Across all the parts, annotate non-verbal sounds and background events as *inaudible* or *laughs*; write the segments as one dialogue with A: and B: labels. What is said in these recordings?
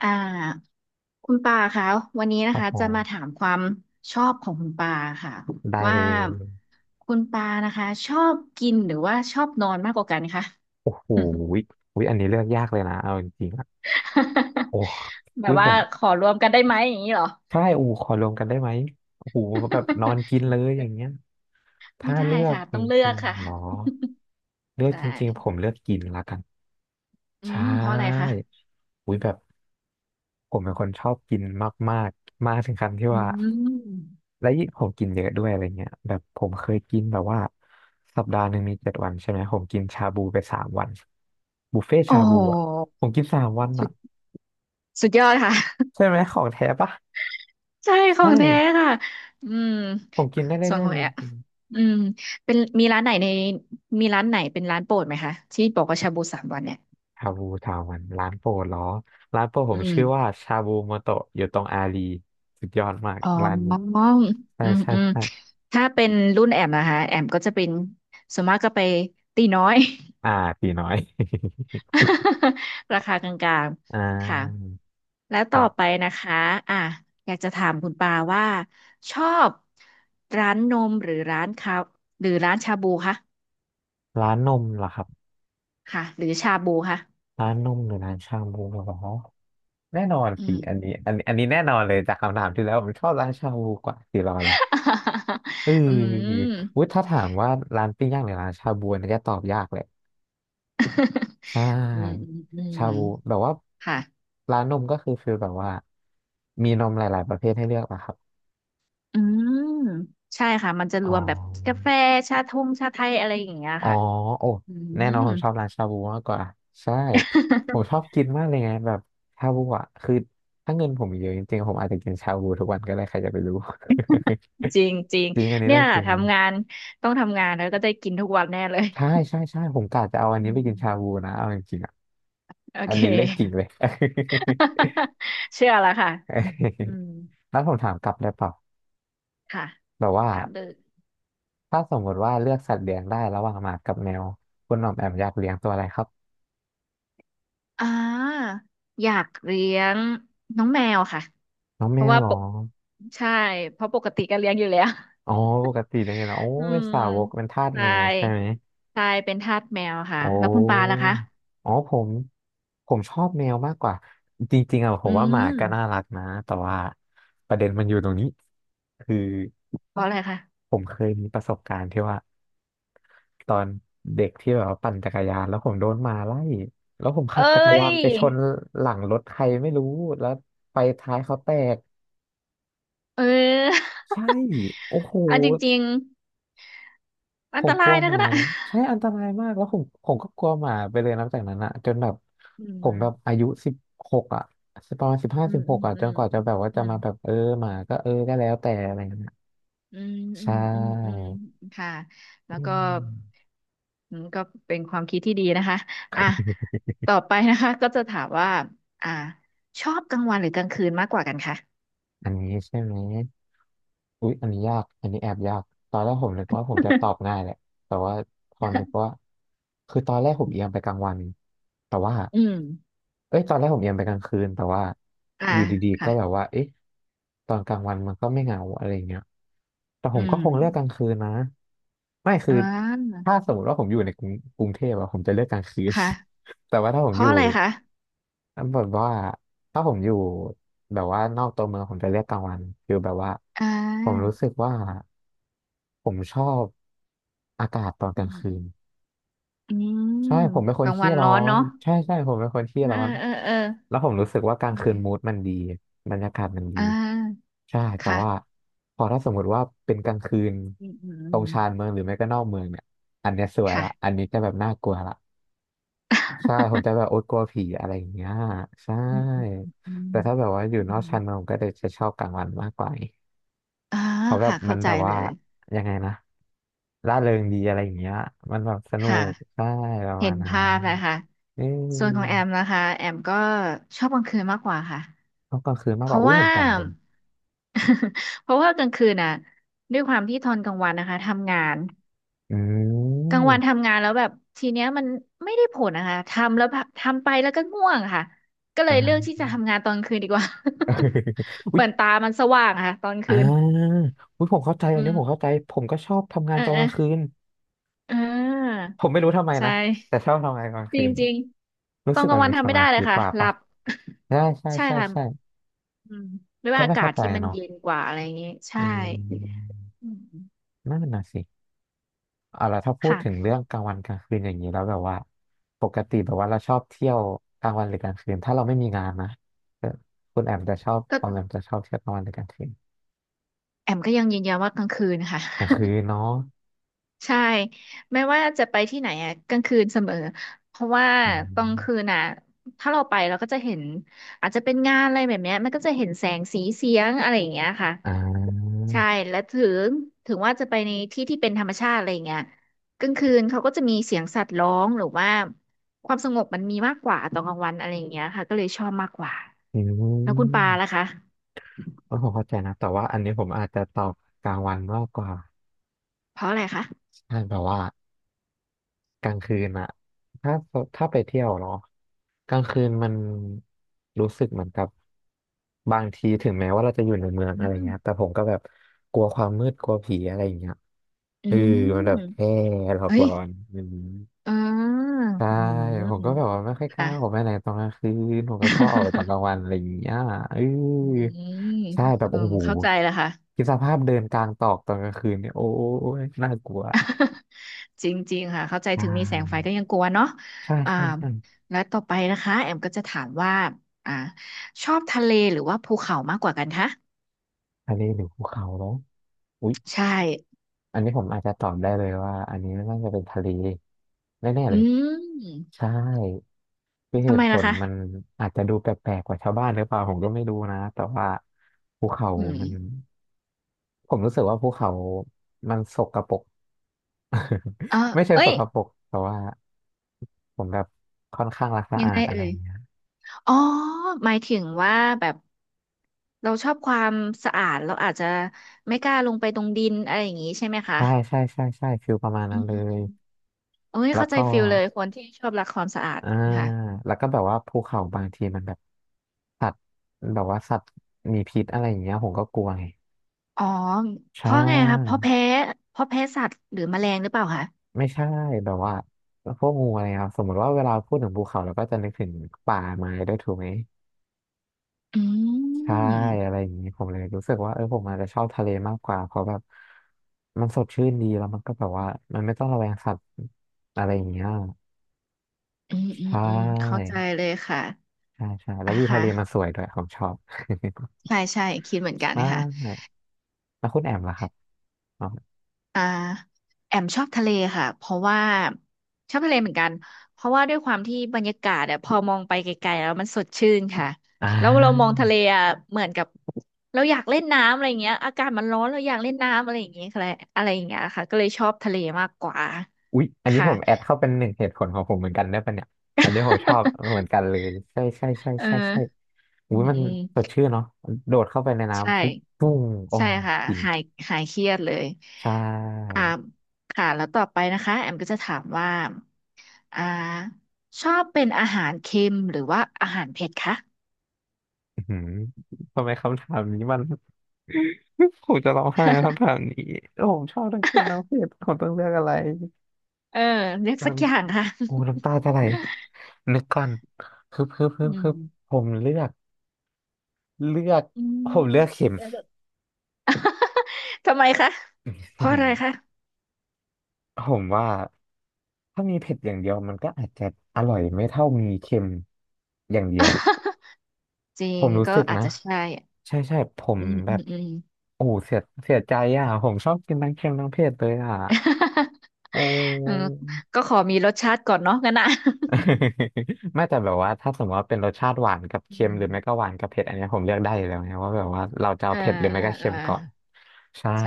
A: อ่าคุณปาคะวันนี้
B: ค
A: นะ
B: รับ
A: คะ
B: ผ
A: จะมา
B: ม
A: ถามความชอบของคุณปาค่ะ
B: ได้
A: ว่า
B: เลย
A: คุณปานะคะชอบกินหรือว่าชอบนอนมากกว่ากันคะ
B: โอ้โหวิวิอันนี้เลือกยากเลยนะเอาจริงๆอะโอ้
A: *laughs* แบบ
B: วิผ
A: ว่า
B: ม
A: ขอรวมกันได้ไหมอย่างนี้เหรอ
B: ใช่โอ้ขอรวมกันได้ไหมโอ้โหแบบนอนกินเล
A: *laughs*
B: ยอย่างเงี้ย
A: ไม่
B: ถ้า
A: ได้
B: เลือก
A: ค่ะ
B: จ
A: ต้องเลือ
B: ริ
A: ก
B: ง
A: ค่ะ
B: ๆเหรอเลือก
A: ใช่
B: จริงๆผมเลือกกินละกัน
A: อื
B: ใช่
A: มเพราะอะไรคะ
B: อุ้ยแบบผมเป็นคนชอบกินมากมากมากถึงขั้นที่
A: อื
B: ว่า
A: ม
B: และยิ่งผมกินเยอะด้วยอะไรเงี้ยแบบผมเคยกินแบบว่าสัปดาห์หนึ่งมี7 วันใช่ไหมผมกินชาบูไปสามวันบุฟเฟ่
A: โอ้
B: ชาบู
A: โห
B: อ่ะผมกินสามวัน
A: สุ
B: อ่ะ
A: ดสุดยอดค่ะ
B: ใช่ไหมของแท้ปะ
A: ใช่ขอ
B: ใช่
A: งแท้ค่ะ อืม
B: ผมกินได้
A: ส่วน
B: เรื่อ
A: ข
B: ย
A: อ
B: ๆ
A: ง
B: เลย
A: แอ
B: จ
A: ป
B: ริง
A: อืมเป็นมีร้านไหนเป็นร้านโปรดไหมคะที่บอกว่าชาบูสามวันเนี่ย
B: ชาบูสามวันร้านโปรดเหรอร้านโปรดผ
A: อื
B: ม
A: ม
B: ชื่อว่าชาบูโมโตะอยู่ตรงอารีสุดยอดมาก
A: อ๋
B: ร้านนี้
A: อ
B: ใช่
A: อืม
B: ใช่
A: อืม
B: ใช่
A: ถ้าเป็นรุ่นแอมนะคะแอมก็จะเป็นส่วนมากก็ไปตีน้อย
B: อ่าตีน้อย
A: *laughs* ราคากลาง
B: *laughs* อ่
A: ๆ ค่ะ
B: า
A: แล้วต่อ
B: ก็
A: ไปนะคะอ่ะอยากจะถามคุณปาว่าชอบร้านนมหรือร้านคาหรือร้านชาบูคะ
B: ร้านนมเหรอครับ
A: ค่ะหรือชาบูค่ะ
B: ร้านนมหรือร้านชาบูเหรอแน่นอน
A: อื
B: สิ
A: ม
B: อันนี้แน่นอนเลยจากคำถามที่แล้วผมชอบร้านชาบูกว่าสิรออะไรเอ
A: *laughs* อื
B: อ
A: ม
B: วุ้ยถ้าถามว่าร้านปิ้งย่างหรือร้านชาบูอันนี่จะตอบยากเลยใช
A: อืมอื
B: ่
A: ม
B: ชา
A: อืม
B: บูแบบว่า
A: ค่ะ
B: ร้านนมก็คือฟีลแบบว่ามีนมหลายๆประเภทให้เลือกนะครับ
A: อืมใช่ค่ะมันจะร
B: อ๋อ
A: วมแบบกาแฟชาทงชาไทยอะไรอย่างเงี้ย
B: อ๋อ
A: ค่ะ
B: โอ้
A: อื
B: แน่นอน
A: ม
B: ผมชอบร้านชาบูมากกว่าใช่ผมชอบกินมากเลยไงแบบชาบูอ่ะคือถ้าเงินผมเยอะจริงๆผมอาจจะกินชาบูทุกวันก็ได้ใครจะไปรู้
A: จริงจริง
B: *laughs* จริงอันนี้
A: เนี่
B: เรื่อ
A: ย
B: งจริงเลย
A: ทำงานต้องทำงานแล้วก็ได้กินทุกวันแน่เลย
B: ใช่ใช่ใช่ผมกะจะเอาอัน
A: อื
B: นี้ไป
A: ม
B: กินชาบูนะเอาจริงๆอ่ะ
A: โอ
B: อั
A: เค
B: นนี้เรื่องจริงเลย
A: *laughs* เชื่อแล้วค่ะอืม
B: *laughs* แล้วผมถามกลับได้เปล่า
A: ค่ะ
B: แบบว่า
A: ถามเลย
B: ถ้าสมมติว่าเลือกสัตว์เลี้ยงได้ระหว่างหมากับแมวคุณหน่อมแอมอยากเลี้ยงตัวอะไรครับ
A: อ่าอยากเลี้ยงน้องแมวค่ะ
B: น้อง
A: เพ
B: แม
A: ราะ
B: ว
A: ว่า
B: เหร
A: ป
B: อ
A: กใช่เพราะปกติก็เลี้ยงอยู่แล้ว
B: อ๋อปกติเป็นไงล่ะโอ้
A: *laughs* อื
B: เป็น
A: ม
B: สาวกเป็นทาส
A: ท
B: แม
A: รา
B: ว
A: ย
B: ใช่ไหม
A: ทรายเป็นทาสแมวค่ะ
B: โอ้
A: แล้วคุณปาล่ะคะ
B: อ๋อผมชอบแมวมากกว่าจริงๆอะผ
A: อื
B: มว่าหมา
A: ม
B: ก็น่ารักนะแต่ว่าประเด็นมันอยู่ตรงนี้คือ
A: เพราะอะไรคะ
B: ผมเคยมีประสบการณ์ที่ว่าตอนเด็กที่แบบว่าปั่นจักรยานแล้วผมโดนหมาไล่แล้วผมขั
A: เอ้
B: บจักรยา
A: ย
B: นไปชนหลังรถใครไม่รู้แล้วไฟท้ายเขาแตก
A: เออ
B: ใช่
A: *laughs*
B: โอ้โห
A: อันจริงๆ
B: ผ
A: อันต
B: มกลั
A: ราย
B: วห
A: นะคะ
B: มา
A: น่ะ
B: เลยใช่อันตรายมากแล้วผมก็กลัวหมาไปเลยนับจากนั้นอะจนแบบ
A: *laughs* อื
B: ผ
A: ม
B: มแบบอายุสิบหกอะประมาณสิบห้า
A: อื
B: สิ
A: ม
B: บห
A: อื
B: ก
A: ม
B: อะ
A: อื
B: จน
A: ม
B: กว่าจะแบบว่า
A: อื
B: จะ
A: ม
B: มาแบบเออหมาก็เออก็แล้วแต่อะไรเงี้ย
A: อืมอื
B: ใช่
A: มอืมอืมค่ะแล้ว
B: อื
A: ก็
B: ม
A: อืมก็เป็นความคิดที่ดีนะคะอ่ะต่อไปนะคะก็จะถามว่าอ่าชอบกลางวันหรือกลางคืนมากกว่ากันคะ
B: อันนี้ใช่ไหม อุ๊ยอันนี้ยากอันนี้แอบยากตอนแรกผมนึกว่าผมจะตอบง่าย
A: *laughs*
B: แหละแต่ว่าพอนึกว่าคือตอนแรกผมเอียงไปกลางวันแต่ว่า
A: อืม
B: เอ้ยตอนแรกผมเอียงไปกลางคืนแต่ว่า
A: อ่า
B: อยู่ดีๆ
A: ค่ะ
B: ก็แบบว่าเอ๊ะตอนกลางวันมันก็ไม่เหงาอะไรเงี้ยแต่ผ
A: อื
B: มก็
A: ม
B: คงเลือกกลางคืนนะไม่คือ
A: อ่า
B: ถ้าสมมติว่าผมอยู่ในกรุงกรุงเทพอะผมจะเลือกกลางคืน
A: ค่ะ
B: แต่ว่าถ้าผ
A: เพ
B: มอ
A: ราะ
B: ยู่
A: อะไรคะ
B: แบบว่าถ้าผมอยู่แบบว่านอกตัวเมืองผมจะเรือกกลางวันคือแบบว่า
A: อ่
B: ผม
A: า
B: รู้สึกว่าผมชอบอากาศตอนก
A: อื
B: ลางคืน
A: มอืม
B: ใช่ผมเป็นค
A: ก
B: น
A: ลาง
B: ขี้
A: วัน
B: ร้
A: ร้
B: อ
A: อน
B: น
A: เนาะ
B: ใช่ใช่ผมเป็นคนขี้
A: เออ
B: ร้อน
A: เออเออ
B: แล้วผมรู้สึกว่ากลาง
A: อื
B: คืนมูด
A: ม
B: มันดีบรรยากาศมันดี
A: อ่า
B: ใช่แต่
A: ค่ะ
B: ว่าพอถ้าสมมติว่าเป็นกลางคืน
A: อืมอืมอื
B: ตรง
A: ม
B: ชานเมืองหรือไม่ก็นอกเมืองเนี่ยอันเนี้ยสวย
A: ค่ะ
B: ละอันนี้จะแบบน่ากลัวละ ใช่
A: *laughs*
B: ผมจะแบบโอ๊ตกลัวผีอะไรอย่างเงี้ยใช่
A: อืมอืมอืม
B: แต่ถ้าแบบว่าอยู่
A: อื
B: นอก
A: ม
B: ชานเมืองผมก็จะชอบกลางวันมากกว่า
A: อ่า
B: เพราะแบบ
A: ค่ะ
B: มั
A: เข้า
B: น
A: ใจ
B: แบบ
A: เล
B: ว่า
A: ย
B: ยังไงนะร่าเริงดีอะไรอย่างเงี้ยมันแบบสนุ
A: ค่ะ
B: กใช่ประ
A: เห็
B: มา
A: น
B: ณนั้
A: ภาพ
B: น
A: นะคะ
B: เอ
A: ส่วนของ
B: อ
A: แอมนะคะแอมก็ชอบกลางคืนมากกว่าค่ะ
B: ต้องกลางคืนมาก
A: เพ
B: กว่า
A: ราะ
B: อุ้ยเห
A: ว่า
B: มือนกันเลย
A: *laughs* เพราะว่ากลางคืนน่ะด้วยความที่ทอนกลางวันนะคะทำงาน
B: อื
A: กลางวัน
B: ม
A: ทำงานแล้วแบบทีเนี้ยมันไม่ได้ผลนะคะทำแล้วแบบทำไปแล้วก็ง่วงค่ะก็เลยเลือก
B: อ่า
A: ที่จะทำงานตอนกลางคืนดีกว่า
B: *laughs*
A: *laughs*
B: อุ้
A: เห
B: ย
A: มือนตามันสว่างอะค่ะตอน
B: อ่
A: คืน
B: าอุ้ยผมเข้าใจอั
A: อื
B: นนี้
A: ม
B: ผมเข้าใจผมก็ชอบทำงา
A: เอ
B: น
A: อ
B: ตอน
A: เอ
B: ก
A: อ
B: ลางคืน
A: เออ
B: ผมไม่รู้ทำไม
A: ใช่
B: นะแต่ชอบทำงานกลาง
A: จ
B: คื
A: ริง
B: น
A: จริง
B: รู้
A: ตอ
B: สึ
A: น
B: ก
A: กลา
B: มั
A: ง
B: น
A: วัน
B: มีส
A: ทำไม่
B: มา
A: ได้เล
B: ธิ
A: ย
B: ก
A: ค่ะ
B: ว่า
A: หลั
B: ปะ
A: บ
B: ใช่ใช่
A: *laughs* ใช่
B: ใช่
A: ค่ะ
B: ใช่
A: อืมด้วย
B: ก็
A: ว่าอา
B: ไม่
A: กา
B: เข้า
A: ศ
B: ใจ
A: ที่มัน
B: เนาะ
A: เย็นกว่าอะไรอย่างงี้ใช่
B: อืม
A: อืม
B: นั่นน่ะสิเอาละถ้าพูดถึง
A: ค่ะ
B: เรื่องกลางวันกลางคืนอย่างนี้แล้วแบบว่าปกติแบบว่าเราชอบเที่ยวกลางวันหรือกลางคืนถ้าเราไม่มีงานนะเออคุณแอมจะชอบ
A: ก็
B: ออมแอมจะชอบเที่ยวกลางวันหรือกลางคืน
A: แอมก็ยังยืนยันว่ากลางคืนค่ะ
B: กลางคื
A: *laughs*
B: นเนาะ
A: ใช่ไม่ว่าจะไปที่ไหนอะกลางคืนเสมอเพราะว่า
B: อื
A: ตอนคื
B: ม
A: นอ่ะถ้าเราไปเราก็จะเห็นอาจจะเป็นงานอะไรแบบเนี้ยมันก็จะเห็นแสงสีเสียงอะไรอย่างเงี้ยค่ะ
B: อ่า
A: ใช่และงถึงว่าจะไปในที่ที่เป็นธรรมชาติอะไรอย่างเงี้ยกลางคืนเขาก็จะมีเสียงสัตว์ร้องหรือว่าความสงบมันมีมากกว่าตอนกลางวันอะไรอย่างเงี้ยค่ะก็เลยชอบมากกว่า
B: อื
A: แล้วคุณปา
B: ม
A: ล่ะคะ
B: เออผมเข้าใจนะแต่ว่าอันนี้ผมอาจจะตอบกลางวันมากกว่า
A: เพราะอะไรคะ
B: ใช่แบบว่ากลางคืนอะถ้าถ้าไปเที่ยวเนาะ กลางคืนมันรู้สึกเหมือนกับบางทีถึงแม้ว่าเราจะอยู่ในเมือง
A: อื
B: อะไร
A: ม
B: เงี้ยแต่ผมก็แบบกลัวความมืดกลัวผีอะไรอย่างเงี้ย
A: อื
B: เออมันแบ
A: ม
B: บแค่หลอก
A: เอ้
B: หล
A: ย
B: อนอืม
A: เออ
B: ใช่
A: อืม
B: ผมก็แบบว่าไม่ค่อยกล้า
A: ค่ะ
B: ออกไปไหนตอนกลางคืนผมก็ชอบออกไปตอนก
A: *laughs*
B: ลางวันอะไรอย่างเงี้ยเออ
A: อืม
B: ใช่แบบ
A: เออ
B: โอ้โห
A: เข้าใจแล้วค่ะ
B: คิดสภาพเดินกลางตอกตอนกลางคืนเนี่ยโอ้ยน่ากลัว
A: จริงๆ ค่ะ เข้าใจ
B: ใช
A: ถึงมีแสงไฟ
B: ่
A: ก็ยังกลัวเนาะ
B: ใช่
A: อ่า
B: ใช่ใช่
A: และต่อไปนะคะแอมก็จะถามว่าอ่าชอบทะเลหรือว่าภูเขามากกว่ากันคะ
B: ทะเลหรือภูเขาเนาะ
A: ใช่
B: อันนี้ผมอาจจะตอบได้เลยว่าอันนี้น่าจะเป็นทะเลแน่ๆ
A: อื
B: เลย
A: ม
B: ใช่คือเห
A: ทำไม
B: ตุผ
A: ล่ะ
B: ล
A: คะ
B: มันอาจจะดูแปลกๆกว่าชาวบ้านหรือเปล่าผมก็ไม่รู้นะแต่ว่าภูเขา
A: อืม
B: มันผมรู้สึกว่าภูเขามันสกปรก
A: เออ
B: *laughs* ไม่เชิง
A: เอ้
B: ส
A: ย
B: กปรกแต่ว่าผมแบบค่อนข้างรักสะ
A: ยั
B: อา
A: งไง
B: ดอะไร
A: เอ่
B: อ
A: ย
B: ย่างเงี้ย
A: อ๋อหมายถึงว่าแบบเราชอบความสะอาดเราอาจจะไม่กล้าลงไปตรงดินอะไรอย่างนี้ใช่ไหมคะ
B: ใช่ใช่ใช่ใช่ฟิลประมาณ
A: อื
B: นั้น
A: ม
B: เล
A: อืมอื
B: ย
A: มโอ้ย
B: แล้ว
A: เข้าใจ
B: ก็
A: ฟิลเลยคนที่ชอบรักความสะอาด
B: อ่า
A: ค่ะ
B: แล้วก็แบบว่าภูเขาบางทีมันแบบสัตว์แบบว่าสัตว์มีพิษอะไรอย่างเงี้ยผมก็กลัวไง
A: อ๋อ
B: ใช
A: เพราะไงครับเพ
B: ่
A: ราะแพ้เพราะแพ้สัตว์หรือแมลงหรือเปล่าคะ
B: ไม่ใช่แบบว่าพวกงูอะไรครับสมมติว่าเวลาพูดถึงภูเขาเราก็จะนึกถึงป่าไม้ด้วยถูกไหม
A: อื
B: ใช่อะไร
A: ม
B: อย่างนี้ผมเลยรู้สึกว่าเออผมอาจจะชอบทะเลมากกว่าเพราะแบบมันสดชื่นดีแล้วมันก็แบบว่ามันไม่ต้องระแวงสัตว์อะไรอย่างเงี้ย
A: อืม
B: ใช
A: อืมอืมเข้า
B: ่
A: ใจเลยค่ะ
B: ใช่ใช่แล้ว
A: อ่ะ
B: วิวทะ
A: ค่ะ
B: เลมันสวยด้วยผมชอบ
A: ใช่ใช่คิดเหมือ
B: *laughs*
A: นกัน
B: ใช่
A: นะคะ
B: แล้วคุณแอมล่ะครับ
A: อ่าแอมชอบทะเลค่ะเพราะว่าชอบทะเลเหมือนกันเพราะว่าด้วยความที่บรรยากาศอะพอมองไปไกลๆแล้วมันสดชื่นค่ะ
B: อ่
A: แล้วเรามอง
B: า
A: ทะเลอะเหมือนกับเราอยากเล่นน้ำอะไรเงี้ยอากาศมันร้อนเราอยากเล่นน้ำอะไรอย่างเงี้ยค่ะอะไรอย่างเงี้ยค่ะก็เลยชอบทะเลมากกว่า
B: อุ๊ยอันนี้
A: ค่ะ
B: ผมแอดเข้าเป็นหนึ่งเหตุผลของผมเหมือนกันได้ปะเนี่ยอันนี้ผมชอบเหมือนกันเลยใช่ใช่ใช่
A: เอ
B: ใช่ใช่
A: อ
B: อุ๊
A: อื
B: ย
A: ม
B: มัน
A: อืม
B: สดชื่นเนาะโดดเข้าไปใน
A: ใช่
B: น้ำปุ๊บปุ้งโอ้
A: ใช่ค่ะ
B: กิน
A: หายหายเครียดเลย
B: ใช่
A: อ่าค่ะแล้วต่อไปนะคะแอมก็จะถามว่าอ่าชอบเป็นอาหารเค็มหรือว่าอาหารเผ็ดคะ
B: อื้อหือทำไมคำถามนี้มัน *laughs* ผมจะร้องไห้กับคำถามนี้โอ้ผมชอบทั้งคิวทั้งเพศผมต้องเลือกอะไร
A: เออเลือก
B: น้
A: สักอย่างค่ะ
B: ำโอ้น้ำตาจะไหลนึกก่อนฮึบฮึบฮึ
A: อื
B: บฮึ
A: ม
B: บผมเลือกเลือก
A: อื
B: ผมเลือก
A: ม
B: เข็ม
A: ทำไมคะเพราะอะไรคะ
B: *laughs* ผมว่าถ้ามีเผ็ดอย่างเดียวมันก็อาจจะอร่อยไม่เท่ามีเค็มอย่างเดียว
A: *laughs* จริ
B: ผ
A: ง
B: มรู้
A: ก็
B: สึก
A: อาจ
B: นะ
A: จะใช่
B: ใช่ใช่ผม
A: อืม
B: แบ
A: อื
B: บ
A: มอืม
B: โอ้เสียเสียใจอ่ะผมชอบกินทั้งเค็มทั้งเผ็ดเลยอ่ะ
A: *laughs*
B: โอ้
A: เออก็ขอมีรสชาติก่อนเนาะงั้นนะ
B: *laughs* ไม่แต่แบบว่าถ้าสมมติว่าเป็นรสชาติหวานกับ
A: อื
B: เค็มห
A: ม
B: รือไม่ก็หวานกับเผ็ดอันเนี้ยผมเลือกได้อยู่แล้วนะว่าแบบว่าเราจะ
A: *laughs* เอ
B: เอา
A: อ
B: เผ็ดหรือไม่
A: เออ
B: ก็
A: เอ
B: เค็
A: อ
B: มก่อนใช่
A: ใช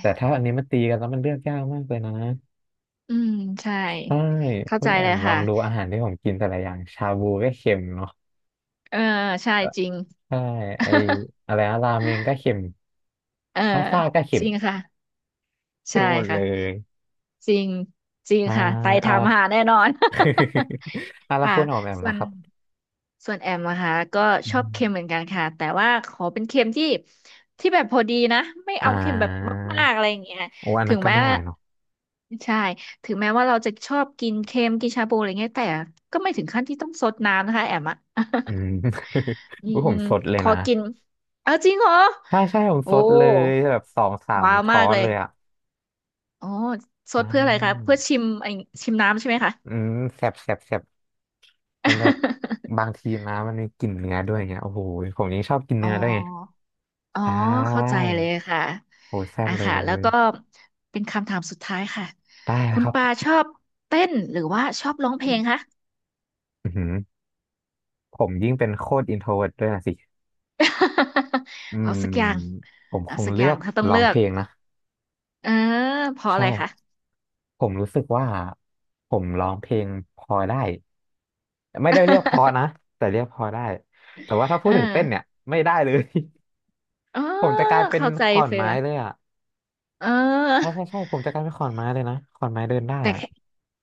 B: แต่ถ้าอันนี้มันตีกันแล้วมันเลือกยากมากเลยนะ
A: อืมใช่
B: ใช่
A: เข้า
B: คุ
A: ใจ
B: ณแอ
A: เล
B: ม
A: ย
B: ลอ
A: ค่ะ
B: งดูอาหารที่ผมกินแต่ละอย่างชาบูก็เค็มเนาะ
A: เออใช่จริง
B: ใช่ไอ
A: *laughs*
B: อะไรนะราเมงก็เค็ม
A: เออ
B: พาสต้าก็เค็
A: จ
B: ม
A: ริงค่ะ
B: เค็
A: ใช่
B: มหมดเล
A: ค่ะ
B: ย
A: จริงจริง
B: อ่า
A: ค่ะไป
B: เอา
A: ทำหาแน่นอน
B: *laughs* เอา
A: *laughs*
B: ละ
A: ค่ะ
B: คุณออมแอม
A: ส่ว
B: ล่ะ
A: น
B: ครับ
A: ส่วนแอมนะคะก็
B: อื
A: ชอบ
B: ม
A: เค็มเหมือนกันค่ะแต่ว่าขอเป็นเค็มที่ที่แบบพอดีนะไม่
B: อ่
A: เอาเค็มแบบ
B: า
A: มากๆอะไรอย่างเงี้ย
B: โอ้อัน
A: ถึ
B: นั้น
A: ง
B: ก็
A: แม้
B: ไม่ไหว
A: ว่า
B: เนาะ
A: ใช่ถึงแม้ว่าเราจะชอบกินเค็มกินชาบูอะไรเงี้ยแต่ก็ไม่ถึงขั้นที่ต้องซดน้ำนะคะแอมอะ
B: อืม
A: *laughs*
B: *laughs*
A: อืม
B: อุ๊ยผ
A: อื
B: ม
A: ม
B: สดเลย
A: ขอ
B: นะ
A: กิน เอาจริงเหรอ
B: ใช่ใช่ผม
A: โอ้
B: สดเลยแบบ2-3
A: ว้าว
B: ช้
A: มา
B: อ
A: ก
B: น
A: เลย
B: เลยอ่ะ
A: อ๋อซ
B: อ่
A: ดเพื่ออะไรคะ
B: า
A: เพื่อชิมไอชิมน้ำใช่ไหมคะ
B: อืมแสบแสบแสบมันแบบ
A: *laughs*
B: บางทีนะมันมีกลิ่นเนื้อด้วยไงโอ้โหผมยังชอบกิน
A: อ๋
B: เนื้อด้วยไง
A: ออ๋อ
B: ใช
A: เข้า
B: ่
A: ใจเลยค่ะ
B: โหแซ่บ
A: อ่ะ
B: เล
A: ค่ะแล้ว
B: ย
A: ก็ เป็นคำถามสุดท้ายค่ะ
B: ได้
A: คุ
B: นะ
A: ณ
B: ครับ
A: ปาชอบเต้นหรือว่าชอบร้องเพลงคะ
B: อือหือผมยิ่งเป็นโคตรอินโทรเวิร์ด้วยนะสิอื
A: *laughs* เอา
B: ม
A: สักอย่าง
B: ผมค
A: เอา
B: ง
A: สัก
B: เลื
A: อย่า
B: อ
A: ง
B: ก
A: ถ้าต้อง
B: ร้อ
A: เลื
B: ง
A: อ
B: เพ
A: ก
B: ลงนะ
A: เออเพราะอะ
B: ใช่
A: ไรคะ
B: ผมรู้สึกว่าผมร้องเพลงพอได้ไม่ได้เรียกเพอนะแต่เรียกพอได้แต่ว่าถ้า
A: *laughs*
B: พูด
A: เออ
B: ถึงเต้นเนี่ยไม่ได้เลย
A: อ๋อ
B: *laughs* ผมจะกลายเป็น
A: เข้าใจ
B: ขอน
A: เฟีย
B: ไม้เลยอ่ะ
A: เ
B: ใช่
A: ออ
B: ใช่ใช่ผมจะกลายเป็นขอนไม้เลยนะขอนไม้เดินได้
A: แต่
B: อ่ะ
A: แค่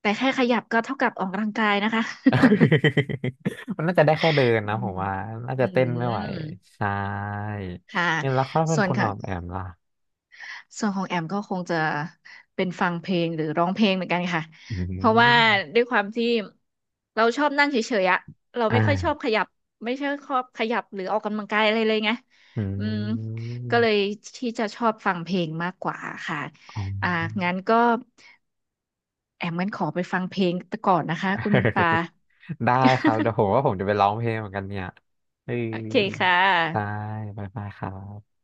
A: แต่แค่ขยับก็เท่ากับออกกำลังกายนะคะ
B: *laughs* มันน่าจะได้แค่เดิน
A: *laughs* อื
B: นะผ
A: ม
B: มว่าน่า
A: อื
B: จะเต้นไม่ไหว
A: ม
B: ใช่
A: ค่ะ
B: เนี่ยแล้วเขาเป็น
A: ส่วน
B: คนอ
A: ค่ะ
B: อกแบบล่ะ
A: ส่วนของแอมก็คงจะเป็นฟังเพลงหรือร้องเพลงเหมือนกันค่ะ
B: อื
A: เพราะว่า
B: ม
A: ด้วยความที่เราชอบนั่งเฉยๆอะเรา
B: อ่
A: ไม่ค่อยชอบ
B: า
A: ขยับไม่ใช่ชอบขยับหรือออกกำลังกายอะไรเลยไง
B: อื
A: อืมก็เลย
B: ม
A: ที่จะชอบฟังเพลงมากกว่าค่ะ
B: *laughs* อ๋อ
A: อ่างั้นก็แอมงั้นขอไปฟังเพลงก่อนนะคะคุณปา
B: *laughs* ได้ครับ
A: *laughs*
B: เดี๋ยวผมว่าผมจะไปร้องเพลงเหมือนกันเนี่ยเออ
A: โอเคค่ะ
B: ได้บายบายครับ